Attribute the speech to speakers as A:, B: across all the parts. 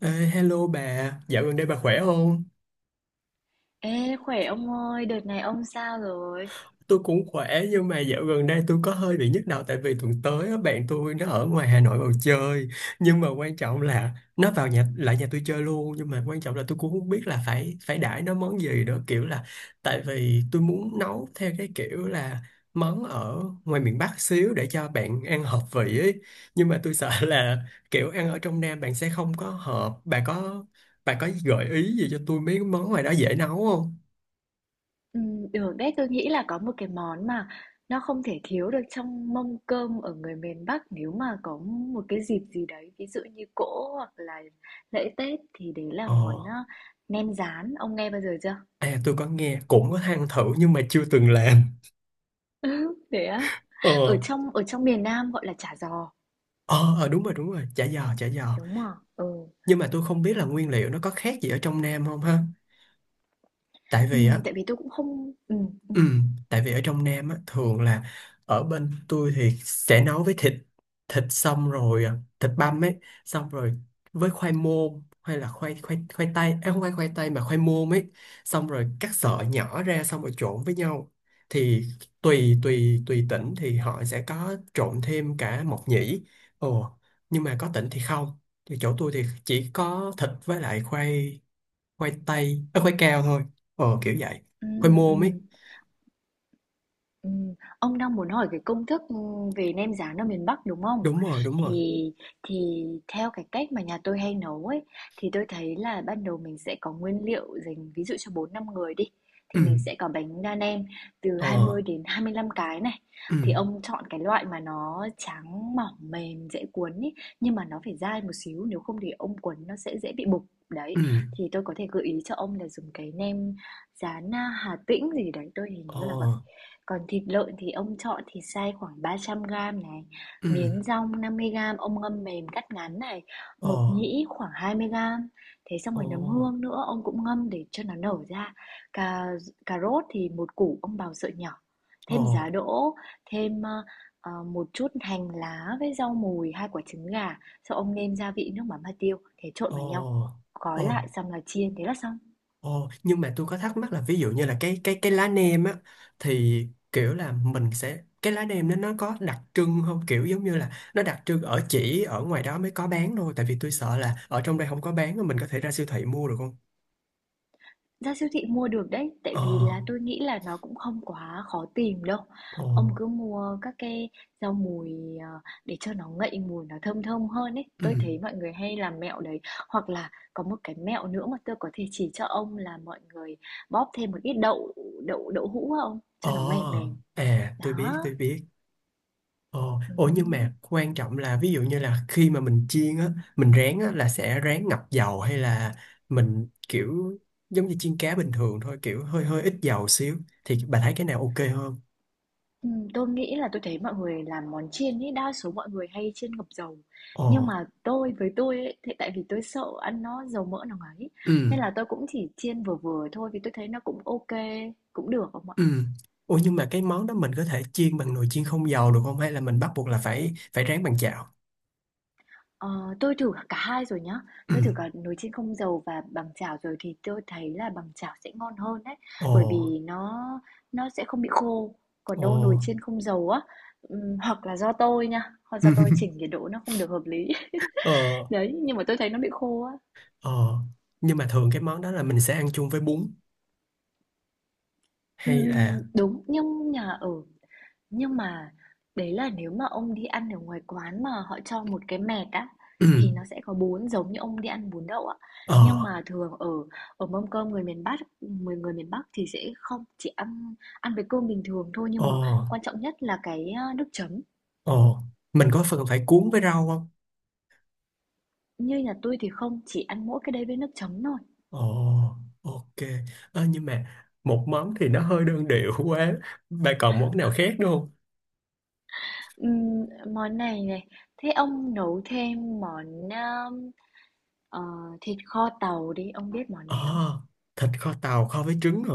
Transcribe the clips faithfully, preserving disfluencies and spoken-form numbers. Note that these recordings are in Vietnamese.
A: Ê, hello bà, dạo gần đây bà khỏe không?
B: Ê, khỏe ông ơi, đợt này ông sao rồi?
A: Tôi cũng khỏe nhưng mà dạo gần đây tôi có hơi bị nhức đầu tại vì tuần tới á, bạn tôi nó ở ngoài Hà Nội vào chơi. Nhưng mà quan trọng là nó vào nhà lại nhà tôi chơi luôn, nhưng mà quan trọng là tôi cũng không biết là phải phải đãi nó món gì nữa, kiểu là tại vì tôi muốn nấu theo cái kiểu là món ở ngoài miền Bắc xíu để cho bạn ăn hợp vị ấy, nhưng mà tôi sợ là kiểu ăn ở trong Nam bạn sẽ không có hợp. Bà có bà có gợi ý gì cho tôi mấy món ngoài đó dễ nấu không?
B: Ừ, Được đấy, tôi nghĩ là có một cái món mà nó không thể thiếu được trong mâm cơm ở người miền Bắc nếu mà có một cái dịp gì đấy, ví dụ như cỗ hoặc là lễ Tết thì đấy là
A: Ờ,
B: món à, nem rán, ông nghe bao giờ chưa?
A: à tôi có nghe cũng có than thử nhưng mà chưa từng làm.
B: Thế á?
A: Ờ,
B: Ở trong ở trong miền Nam gọi là chả giò,
A: ờ ờ, đúng rồi đúng rồi, chả giò chả giò.
B: đúng không? Ừ.
A: Nhưng mà tôi không biết là nguyên liệu nó có khác gì ở trong Nam không ha? Tại
B: Ừ,
A: vì á.
B: tại vì tôi cũng không ừ, ừ,
A: Ừ, tại vì ở trong Nam á, thường là ở bên tôi thì sẽ nấu với thịt, thịt xong rồi à, thịt băm ấy, xong rồi với khoai môn hay là khoai khoai khoai tây à, không phải khoai tây mà khoai môn ấy, xong rồi cắt sợi nhỏ ra xong rồi trộn với nhau. Thì tùy tùy tùy tỉnh thì họ sẽ có trộn thêm cả mộc nhĩ. Ồ, nhưng mà có tỉnh thì không, thì chỗ tôi thì chỉ có thịt với lại khoai, khoai tây à, khoai cao thôi. Ờ kiểu vậy,
B: ừ,
A: khoai
B: ừ.
A: môn ấy.
B: Ừm, ông đang muốn hỏi cái công thức, ừm, về nem rán ở miền Bắc, đúng không?
A: Đúng rồi đúng rồi.
B: Thì thì theo cái cách mà nhà tôi hay nấu ấy, thì tôi thấy là ban đầu mình sẽ có nguyên liệu dành ví dụ cho bốn năm người đi,
A: Ừ.
B: thì mình sẽ có bánh đa nem từ hai
A: Ờ.
B: mươi đến hai mươi lăm cái này.
A: Ừ.
B: Thì ông chọn cái loại mà nó trắng, mỏng, mềm, dễ cuốn ấy, nhưng mà nó phải dai một xíu, nếu không thì ông cuốn nó sẽ dễ bị bục. Đấy,
A: Ừ.
B: thì tôi có thể gợi ý cho ông là dùng cái nem rán, a, Hà Tĩnh gì đấy, tôi hình
A: Ờ.
B: như là vậy. Còn thịt lợn thì ông chọn thịt xay khoảng ba trăm gam này,
A: Ừ.
B: miến dong năm mươi gam ông ngâm mềm cắt ngắn này,
A: Ờ.
B: mộc nhĩ khoảng hai mươi gam. Thế xong
A: Ờ.
B: rồi nấm hương nữa ông cũng ngâm để cho nó nở ra. Cà cà rốt thì một củ ông bào sợi nhỏ,
A: Ờ.
B: thêm giá đỗ, thêm ờ, ờ, một chút hành lá với rau mùi, hai quả trứng gà, sau ông nêm gia vị nước mắm hạt tiêu, thế trộn
A: Ờ.
B: vào nhau.
A: Ờ.
B: Gói lại xong là chiên, thế là xong.
A: Ờ. Nhưng mà tôi có thắc mắc là ví dụ như là cái cái cái lá nem á, thì kiểu là mình sẽ cái lá nem đó nó có đặc trưng không, kiểu giống như là nó đặc trưng ở chỉ ở ngoài đó mới có bán thôi, tại vì tôi sợ là ở trong đây không có bán, mình có thể ra siêu thị mua được không?
B: Ra siêu thị mua được đấy, tại
A: Ờ.
B: vì là tôi nghĩ là nó cũng không quá khó tìm đâu.
A: Ờ.
B: Ông cứ mua các cái rau mùi ờ, để cho nó ngậy mùi nó thơm thơm hơn ấy.
A: Ừ.
B: Tôi thấy mọi người hay làm mẹo đấy. Hoặc là có một cái mẹo nữa mà tôi có thể chỉ cho ông là mọi người bóp thêm một ít đậu đậu đậu hũ vào ông
A: Ờ.
B: cho nó mềm mềm.
A: À tôi biết
B: Đó.
A: tôi biết. Ồ,
B: Ừ.
A: ồ nhưng mà quan trọng là ví dụ như là khi mà mình chiên á, mình rán á là sẽ rán ngập dầu, hay là mình kiểu giống như chiên cá bình thường thôi, kiểu hơi hơi ít dầu xíu, thì bà thấy cái nào ok hơn?
B: Ừm, tôi nghĩ là tôi thấy mọi người làm món chiên ấy, đa số mọi người hay chiên ngập dầu.
A: Ồ.
B: Nhưng mà tôi với tôi ấy, thì tại vì tôi sợ ăn nó dầu mỡ nó ấy
A: Ừ.
B: nên là tôi cũng chỉ chiên vừa vừa thôi vì tôi thấy nó cũng ok, cũng được không ạ?
A: Ừ. Ồ, nhưng mà cái món đó mình có thể chiên bằng nồi chiên không dầu được không, hay là mình bắt buộc là phải phải rán bằng chảo?
B: Ờ, tôi thử cả hai rồi nhá.
A: Ừ.
B: Tôi thử cả nồi chiên không dầu và bằng chảo rồi thì tôi thấy là bằng chảo sẽ ngon hơn đấy,
A: Ồ.
B: bởi vì nó nó sẽ không bị khô. Còn đâu nồi
A: Ồ.
B: chiên không dầu á, ừm, hoặc là do tôi nha, hoặc do tôi chỉnh nhiệt độ nó không được hợp lý.
A: Ờ.
B: Đấy, nhưng mà tôi thấy nó bị khô á.
A: Ờ. Nhưng mà thường cái món đó là mình sẽ ăn chung với bún hay
B: Ừm,
A: là
B: đúng, nhưng nhà ở nhưng mà đấy là nếu mà ông đi ăn ở ngoài quán mà họ cho một cái mẹt á thì nó sẽ có bún giống như ông đi ăn bún đậu á. Nhưng
A: ờ.
B: mà thường ở ở mâm cơm người miền Bắc, người người miền Bắc thì sẽ không chỉ ăn ăn với cơm bình thường thôi nhưng
A: Ờ.
B: mà quan trọng nhất là cái à, nước chấm.
A: Ồ, mình có phần phải cuốn với rau không?
B: Như nhà tôi thì không, chỉ ăn mỗi cái đấy với nước chấm thôi.
A: Ồ, ok. Ơ, nhưng mà một món thì nó hơi đơn điệu quá. Bà còn món nào khác nữa không?
B: Ừm, món này này, thế ông nấu thêm món à, ờ, thịt kho tàu đi, ông biết món
A: Ờ,
B: này không?
A: thịt kho tàu kho với trứng hả?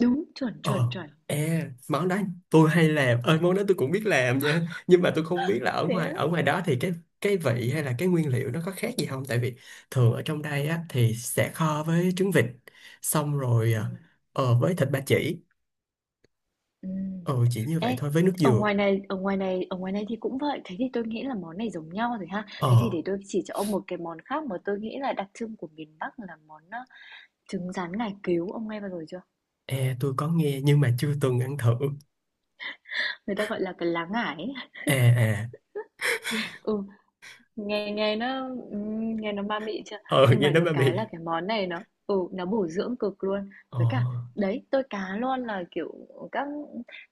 B: Đúng, chuẩn, chuẩn,
A: Ờ,
B: chuẩn.
A: e, món đó tôi hay làm. Ơi, món đó tôi cũng biết làm nha. Nhưng mà tôi không biết là ở
B: Thế á?
A: ngoài ở ngoài đó thì cái cái vị hay là cái nguyên liệu nó có khác gì không? Tại vì thường ở trong đây á thì sẽ kho với trứng vịt, xong rồi ờ,
B: Ừm,
A: ờ, với thịt ba chỉ.
B: ừm.
A: Ờ, chỉ như vậy
B: Ê,
A: thôi với nước
B: ở
A: dừa.
B: ngoài này, ở ngoài này, ở ngoài này thì cũng vậy. Thế thì tôi nghĩ là món này giống nhau rồi ha. Thế thì
A: Ờ.
B: để tôi chỉ cho ông một cái món khác mà tôi nghĩ là đặc trưng của miền Bắc là món ờ, trứng rán ngải cứu. Ông nghe bao giờ chưa?
A: À, tôi có nghe nhưng mà chưa từng ăn thử.
B: Người ta gọi là cái lá ngải ấy.
A: À à,
B: Ừ, Nghe nghe nó ừm, nghe nó ma mị chưa?
A: ờ
B: Nhưng
A: nghe
B: mà
A: nói
B: được
A: mà
B: cái
A: bị.
B: là cái món này nó ừ, nó bổ dưỡng cực luôn.
A: Ờ.
B: Với cả đấy, tôi cá luôn là kiểu các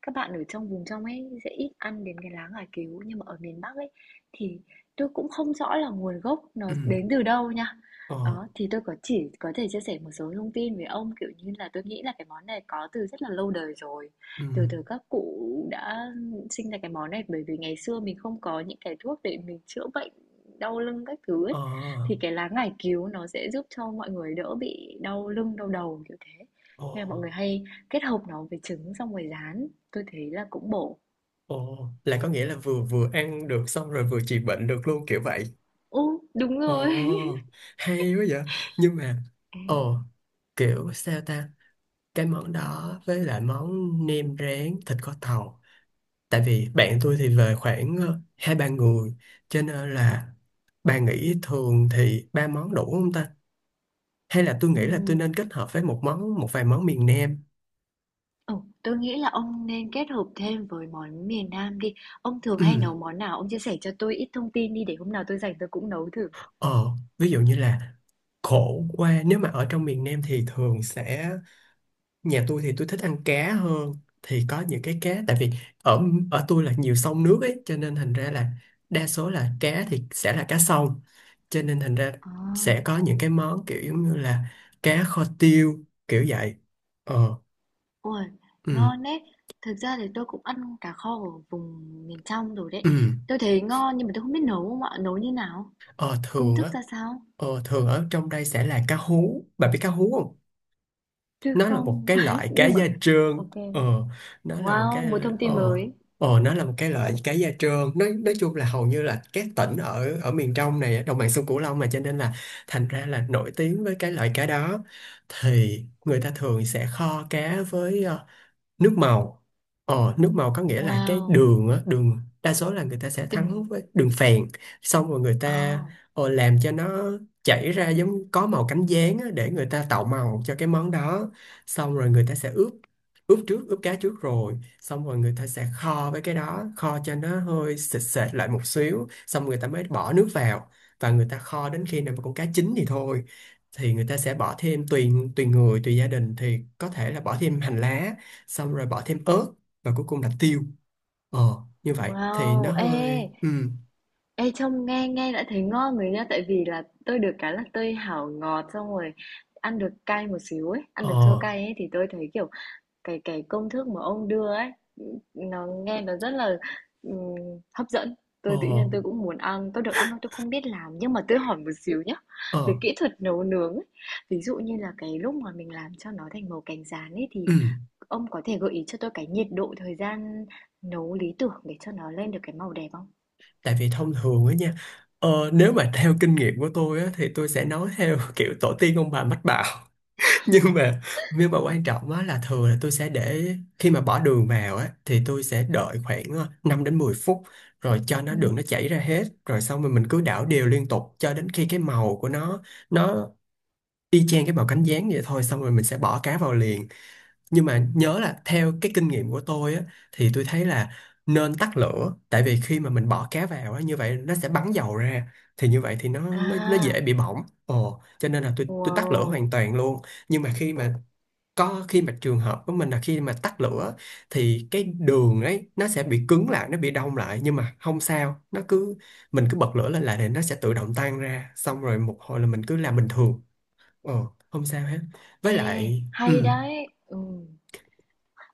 B: các bạn ở trong vùng trong ấy sẽ ít ăn đến cái lá ngải cứu nhưng mà ở miền Bắc ấy thì tôi cũng không rõ là nguồn gốc nó
A: Ừ.
B: đến từ đâu nha.
A: Ờ.
B: Đó, thì tôi có chỉ có thể chia sẻ một số thông tin với ông kiểu như là tôi nghĩ là cái món này có từ rất là lâu đời rồi.
A: Ừ.
B: Từ từ các cụ đã sinh ra cái món này bởi vì ngày xưa mình không có những cái thuốc để mình chữa bệnh đau lưng các thứ ấy,
A: Ờ.
B: thì cái lá ngải cứu nó sẽ giúp cho mọi người đỡ bị đau lưng, đau đầu kiểu thế.
A: Ờ.
B: Nên là mọi người hay kết hợp nó với trứng xong rồi rán. Tôi thấy là cũng bổ.
A: Ờ. Là có nghĩa là vừa vừa ăn được xong rồi vừa trị bệnh được luôn kiểu vậy.
B: Ừ, đúng rồi.
A: Ờ, hay quá vậy. Nhưng mà, ờ, kiểu sao ta? Cái món đó với lại món nem rán, thịt kho tàu. Tại vì bạn tôi thì về khoảng ờ, hai ba người, cho nên là bà nghĩ thường thì ba món đủ không ta? Hay là tôi
B: Ừ,
A: nghĩ là tôi nên kết hợp với một món một vài món miền Nam.
B: ừ, tôi nghĩ là ông nên kết hợp thêm với món miền Nam đi. Ông thường hay
A: Ừ.
B: nấu món nào? Ông chia sẻ cho tôi ít thông tin đi để hôm nào tôi rảnh tôi cũng nấu thử.
A: Ờ, ví dụ như là khổ qua, nếu mà ở trong miền Nam thì thường sẽ nhà tôi thì tôi thích ăn cá hơn, thì có những cái cá, tại vì ở ở tôi là nhiều sông nước ấy, cho nên thành ra là đa số là cá thì sẽ là cá sông, cho nên thành ra
B: À.
A: sẽ có những cái món kiểu giống như là cá kho tiêu kiểu vậy. Ờ.
B: Ôi,
A: Ừ.
B: ngon đấy. Thực ra thì tôi cũng ăn cá kho ở vùng miền trong rồi đấy.
A: Ừ.
B: Tôi thấy ngon nhưng mà tôi không biết nấu không ạ? Nấu như nào?
A: Ờ
B: Công
A: thường
B: thức
A: á,
B: ra sao?
A: ờ thường ở trong đây sẽ là cá hú, bà biết cá hú không?
B: Tôi
A: Nó là một
B: không.
A: cái loại cá
B: Nhưng
A: da
B: mà
A: trơn.
B: ok.
A: Ờ, nó là một
B: Wow,
A: cái.
B: một thông tin
A: Ờ.
B: mới.
A: Ờ, nó là một cái loại cá da trơn, nói nói chung là hầu như là các tỉnh ở ở miền trong này, ở đồng bằng sông Cửu Long mà, cho nên là thành ra là nổi tiếng với cái loại cá đó. Thì người ta thường sẽ kho cá với ờ, nước màu. Ờ nước màu có nghĩa là cái
B: Wow.
A: đường á, đường đa số là người ta sẽ thắng
B: Đừng.
A: với đường phèn, xong rồi người ta
B: À,
A: ờ, làm cho nó chảy ra giống có màu cánh gián á, để người ta tạo màu cho cái món đó, xong rồi người ta sẽ ướp, ướp trước ướp cá trước rồi, xong rồi người ta sẽ kho với cái đó kho cho nó hơi sệt sệt lại một xíu, xong người ta mới bỏ nước vào, và người ta kho đến khi nào mà con cá chín thì thôi. Thì người ta sẽ bỏ thêm tùy tùy người tùy gia đình thì có thể là bỏ thêm hành lá, xong rồi bỏ thêm ớt, và cuối cùng là tiêu. Ờ như vậy thì nó
B: wow. Ê,
A: hơi ừ.
B: ê trông nghe nghe đã thấy ngon rồi nha, tại vì là tôi được cái là tôi hảo ngọt xong rồi ăn được cay một xíu ấy, ăn được chua
A: Ờ.
B: cay ấy thì tôi thấy kiểu cái cái công thức mà ông đưa ấy, nó nghe nó rất là, ừm, hấp dẫn.
A: Ờ.
B: Tôi tự nhiên tôi cũng muốn ăn, tôi được ăn thôi tôi không biết làm nhưng mà tôi hỏi một xíu nhá. Về
A: Ờ.
B: kỹ thuật nấu nướng ấy, ví dụ như là cái lúc mà mình làm cho nó thành màu cánh gián ấy thì
A: Ừ.
B: ông có thể gợi ý cho tôi cái nhiệt độ thời gian nấu lý tưởng để cho nó lên được cái màu đẹp không?
A: Tại vì thông thường á nha, ờ nếu mà theo kinh nghiệm của tôi á thì tôi sẽ nói theo kiểu tổ tiên ông bà mách bảo. Nhưng mà, nhưng mà quan trọng á là thường là tôi sẽ để khi mà bỏ đường vào á thì tôi sẽ đợi khoảng ờ, năm đến mười phút, rồi cho nó
B: Ừ.
A: đường nó chảy ra hết rồi xong rồi mình cứ đảo đều liên tục cho đến khi cái màu của nó nó y chang cái bào cánh gián vậy thôi, xong rồi mình sẽ bỏ cá vào liền. Nhưng mà nhớ là theo cái kinh nghiệm của tôi á, thì tôi thấy là nên tắt lửa, tại vì khi mà mình bỏ cá vào á như vậy nó sẽ bắn dầu ra, thì như vậy thì nó nó nó dễ
B: À,
A: bị bỏng, ồ cho nên là tôi tôi tắt lửa hoàn
B: wow.
A: toàn luôn. Nhưng mà khi mà, có khi mà trường hợp của mình là khi mà tắt lửa thì cái đường ấy nó sẽ bị cứng lại, nó bị đông lại nhưng mà không sao, nó cứ, mình cứ bật lửa lên là để nó sẽ tự động tan ra, xong rồi một hồi là mình cứ làm bình thường. Ờ, không sao hết. Với
B: Ê,
A: lại ừ.
B: hay đấy. Ừ.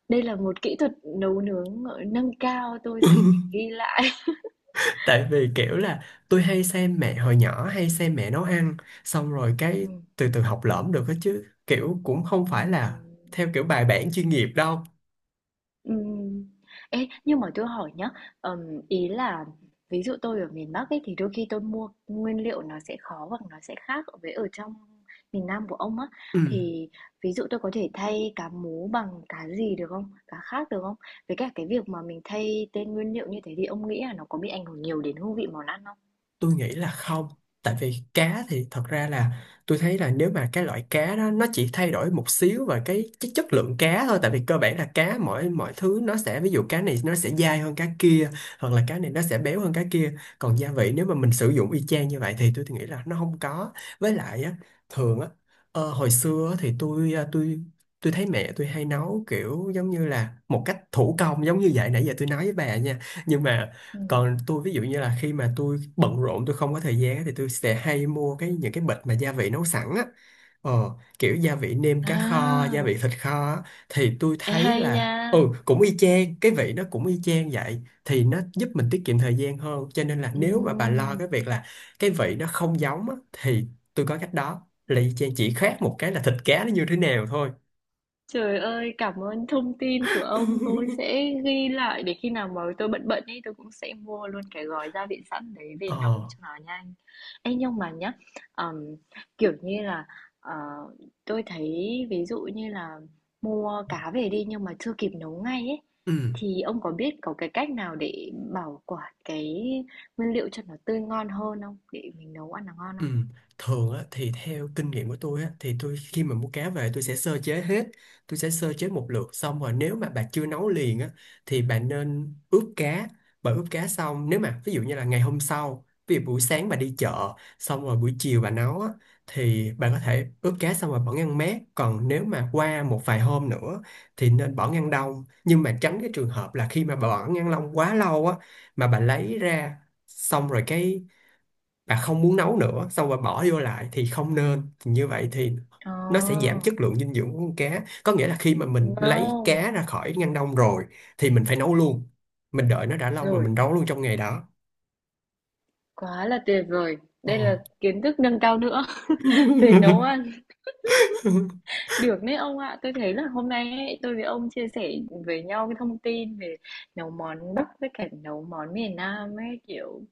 B: Đây là một kỹ thuật nấu nướng ờ, nâng cao tôi sẽ phải ghi lại.
A: Tại vì kiểu là tôi hay xem mẹ, hồi nhỏ hay xem mẹ nấu ăn, xong rồi cái
B: Ừ.
A: từ từ học lỏm được hết chứ kiểu cũng không phải là
B: Ừm,
A: theo kiểu bài bản chuyên nghiệp đâu.
B: ừm. Ê, nhưng mà tôi hỏi nhá, ờm, ý là ví dụ tôi ở miền Bắc ấy thì đôi khi tôi mua nguyên liệu nó sẽ khó hoặc nó sẽ khác với ở trong miền Nam của ông á
A: Ừ.
B: thì ví dụ tôi có thể thay cá mú bằng cá gì được không? Cá khác được không? Với cả cái việc mà mình thay tên nguyên liệu như thế thì ông nghĩ là nó có bị ảnh hưởng nhiều đến hương vị món ăn không?
A: Tôi nghĩ là không, tại vì cá thì thật ra là tôi thấy là nếu mà cái loại cá đó nó chỉ thay đổi một xíu về cái, cái chất lượng cá thôi, tại vì cơ bản là cá mỗi mọi thứ nó sẽ, ví dụ cá này nó sẽ dai hơn cá kia, hoặc là cá này nó sẽ béo hơn cá kia, còn gia vị nếu mà mình sử dụng y chang như vậy thì tôi thì nghĩ là nó không có. Với lại á, thường á, ờ, hồi xưa á thì tôi ờ, tôi tôi thấy mẹ tôi hay nấu kiểu giống như là một cách thủ công giống như vậy, nãy giờ tôi nói với bà nha. Nhưng mà,
B: Ừm.
A: còn tôi ví dụ như là khi mà tôi bận rộn tôi không có thời gian á, thì tôi sẽ hay mua cái những cái bịch mà gia vị nấu sẵn á, ờ, kiểu gia vị nêm cá kho, gia vị
B: À,
A: thịt kho á, thì tôi
B: ê
A: thấy
B: hay
A: là
B: nha.
A: ừ cũng y chang, cái vị nó cũng y chang vậy, thì nó giúp mình tiết kiệm thời gian hơn, cho nên là nếu mà bà lo
B: Ừm.
A: cái việc là cái vị nó không giống á, thì tôi có cách đó là y chang chỉ khác một cái là thịt cá nó như thế nào thôi.
B: Trời ơi, cảm ơn thông tin của ông. Tôi sẽ ghi lại để khi nào mà tôi bận bận ấy, tôi cũng sẽ mua luôn cái gói gia vị sẵn đấy về
A: Ờ.
B: nấu cho nó nhanh. Ê, nhưng mà nhá, ờm, kiểu như là ờ, tôi thấy ví dụ như là mua cá về đi nhưng mà chưa kịp nấu ngay ấy,
A: Ừ.
B: thì ông có biết có cái cách nào để bảo quản cái nguyên liệu cho nó tươi ngon hơn không? Để mình nấu ăn nó ngon
A: Ừ.
B: không?
A: Thường á, thì theo kinh nghiệm của tôi á, thì tôi khi mà mua cá về tôi sẽ sơ chế hết, tôi sẽ sơ chế một lượt xong rồi nếu mà bà chưa nấu liền á, thì bà nên ướp cá, bà ướp cá xong nếu mà ví dụ như là ngày hôm sau, ví dụ buổi sáng bà đi chợ xong rồi buổi chiều bà nấu á, thì bà có thể ướp cá xong rồi bỏ ngăn mát. Còn nếu mà qua một vài hôm nữa thì nên bỏ ngăn đông, nhưng mà tránh cái trường hợp là khi mà bà bỏ ngăn đông quá lâu á, mà bà lấy ra xong rồi cái, và không muốn nấu nữa xong rồi bỏ vô lại thì không nên. Thì như vậy thì nó sẽ giảm
B: Ờ,
A: chất lượng dinh dưỡng của con cá, có nghĩa là khi mà mình lấy
B: no.
A: cá ra khỏi ngăn đông rồi thì mình phải nấu luôn, mình đợi nó đã lâu mà
B: Rồi.
A: mình nấu luôn trong ngày đó.
B: Quá là tuyệt vời.
A: Ồ.
B: Đây là kiến thức nâng cao nữa về nấu ăn. Được đấy ông ạ. Tôi thấy là hôm nay ấy, tôi với ông chia sẻ với nhau cái thông tin về nấu món Bắc với cả nấu món miền Nam ấy kiểu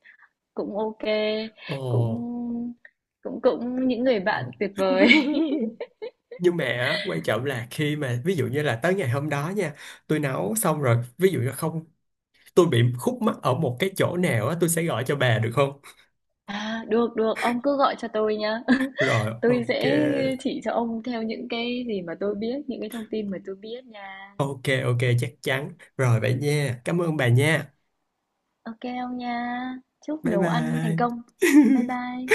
B: cũng ok,
A: Ồ.
B: cũng cũng cũng những người bạn
A: Ồ.
B: tuyệt vời.
A: Nhưng mà á, quan trọng là khi mà ví dụ như là tới ngày hôm đó nha, tôi nấu xong rồi ví dụ như không, tôi bị khúc mắc ở một cái chỗ nào á, tôi sẽ gọi cho bà được không?
B: À, được được, ông cứ gọi cho tôi nhá.
A: Rồi,
B: Tôi
A: ok.
B: sẽ chỉ cho ông theo những cái gì mà tôi biết, những cái thông tin mà tôi biết nha.
A: Ok, ok, chắc chắn. Rồi vậy nha. Cảm ơn bà nha.
B: Ok ông nha. Chúc
A: Bye
B: nấu ăn thành
A: bye.
B: công. Bye bye.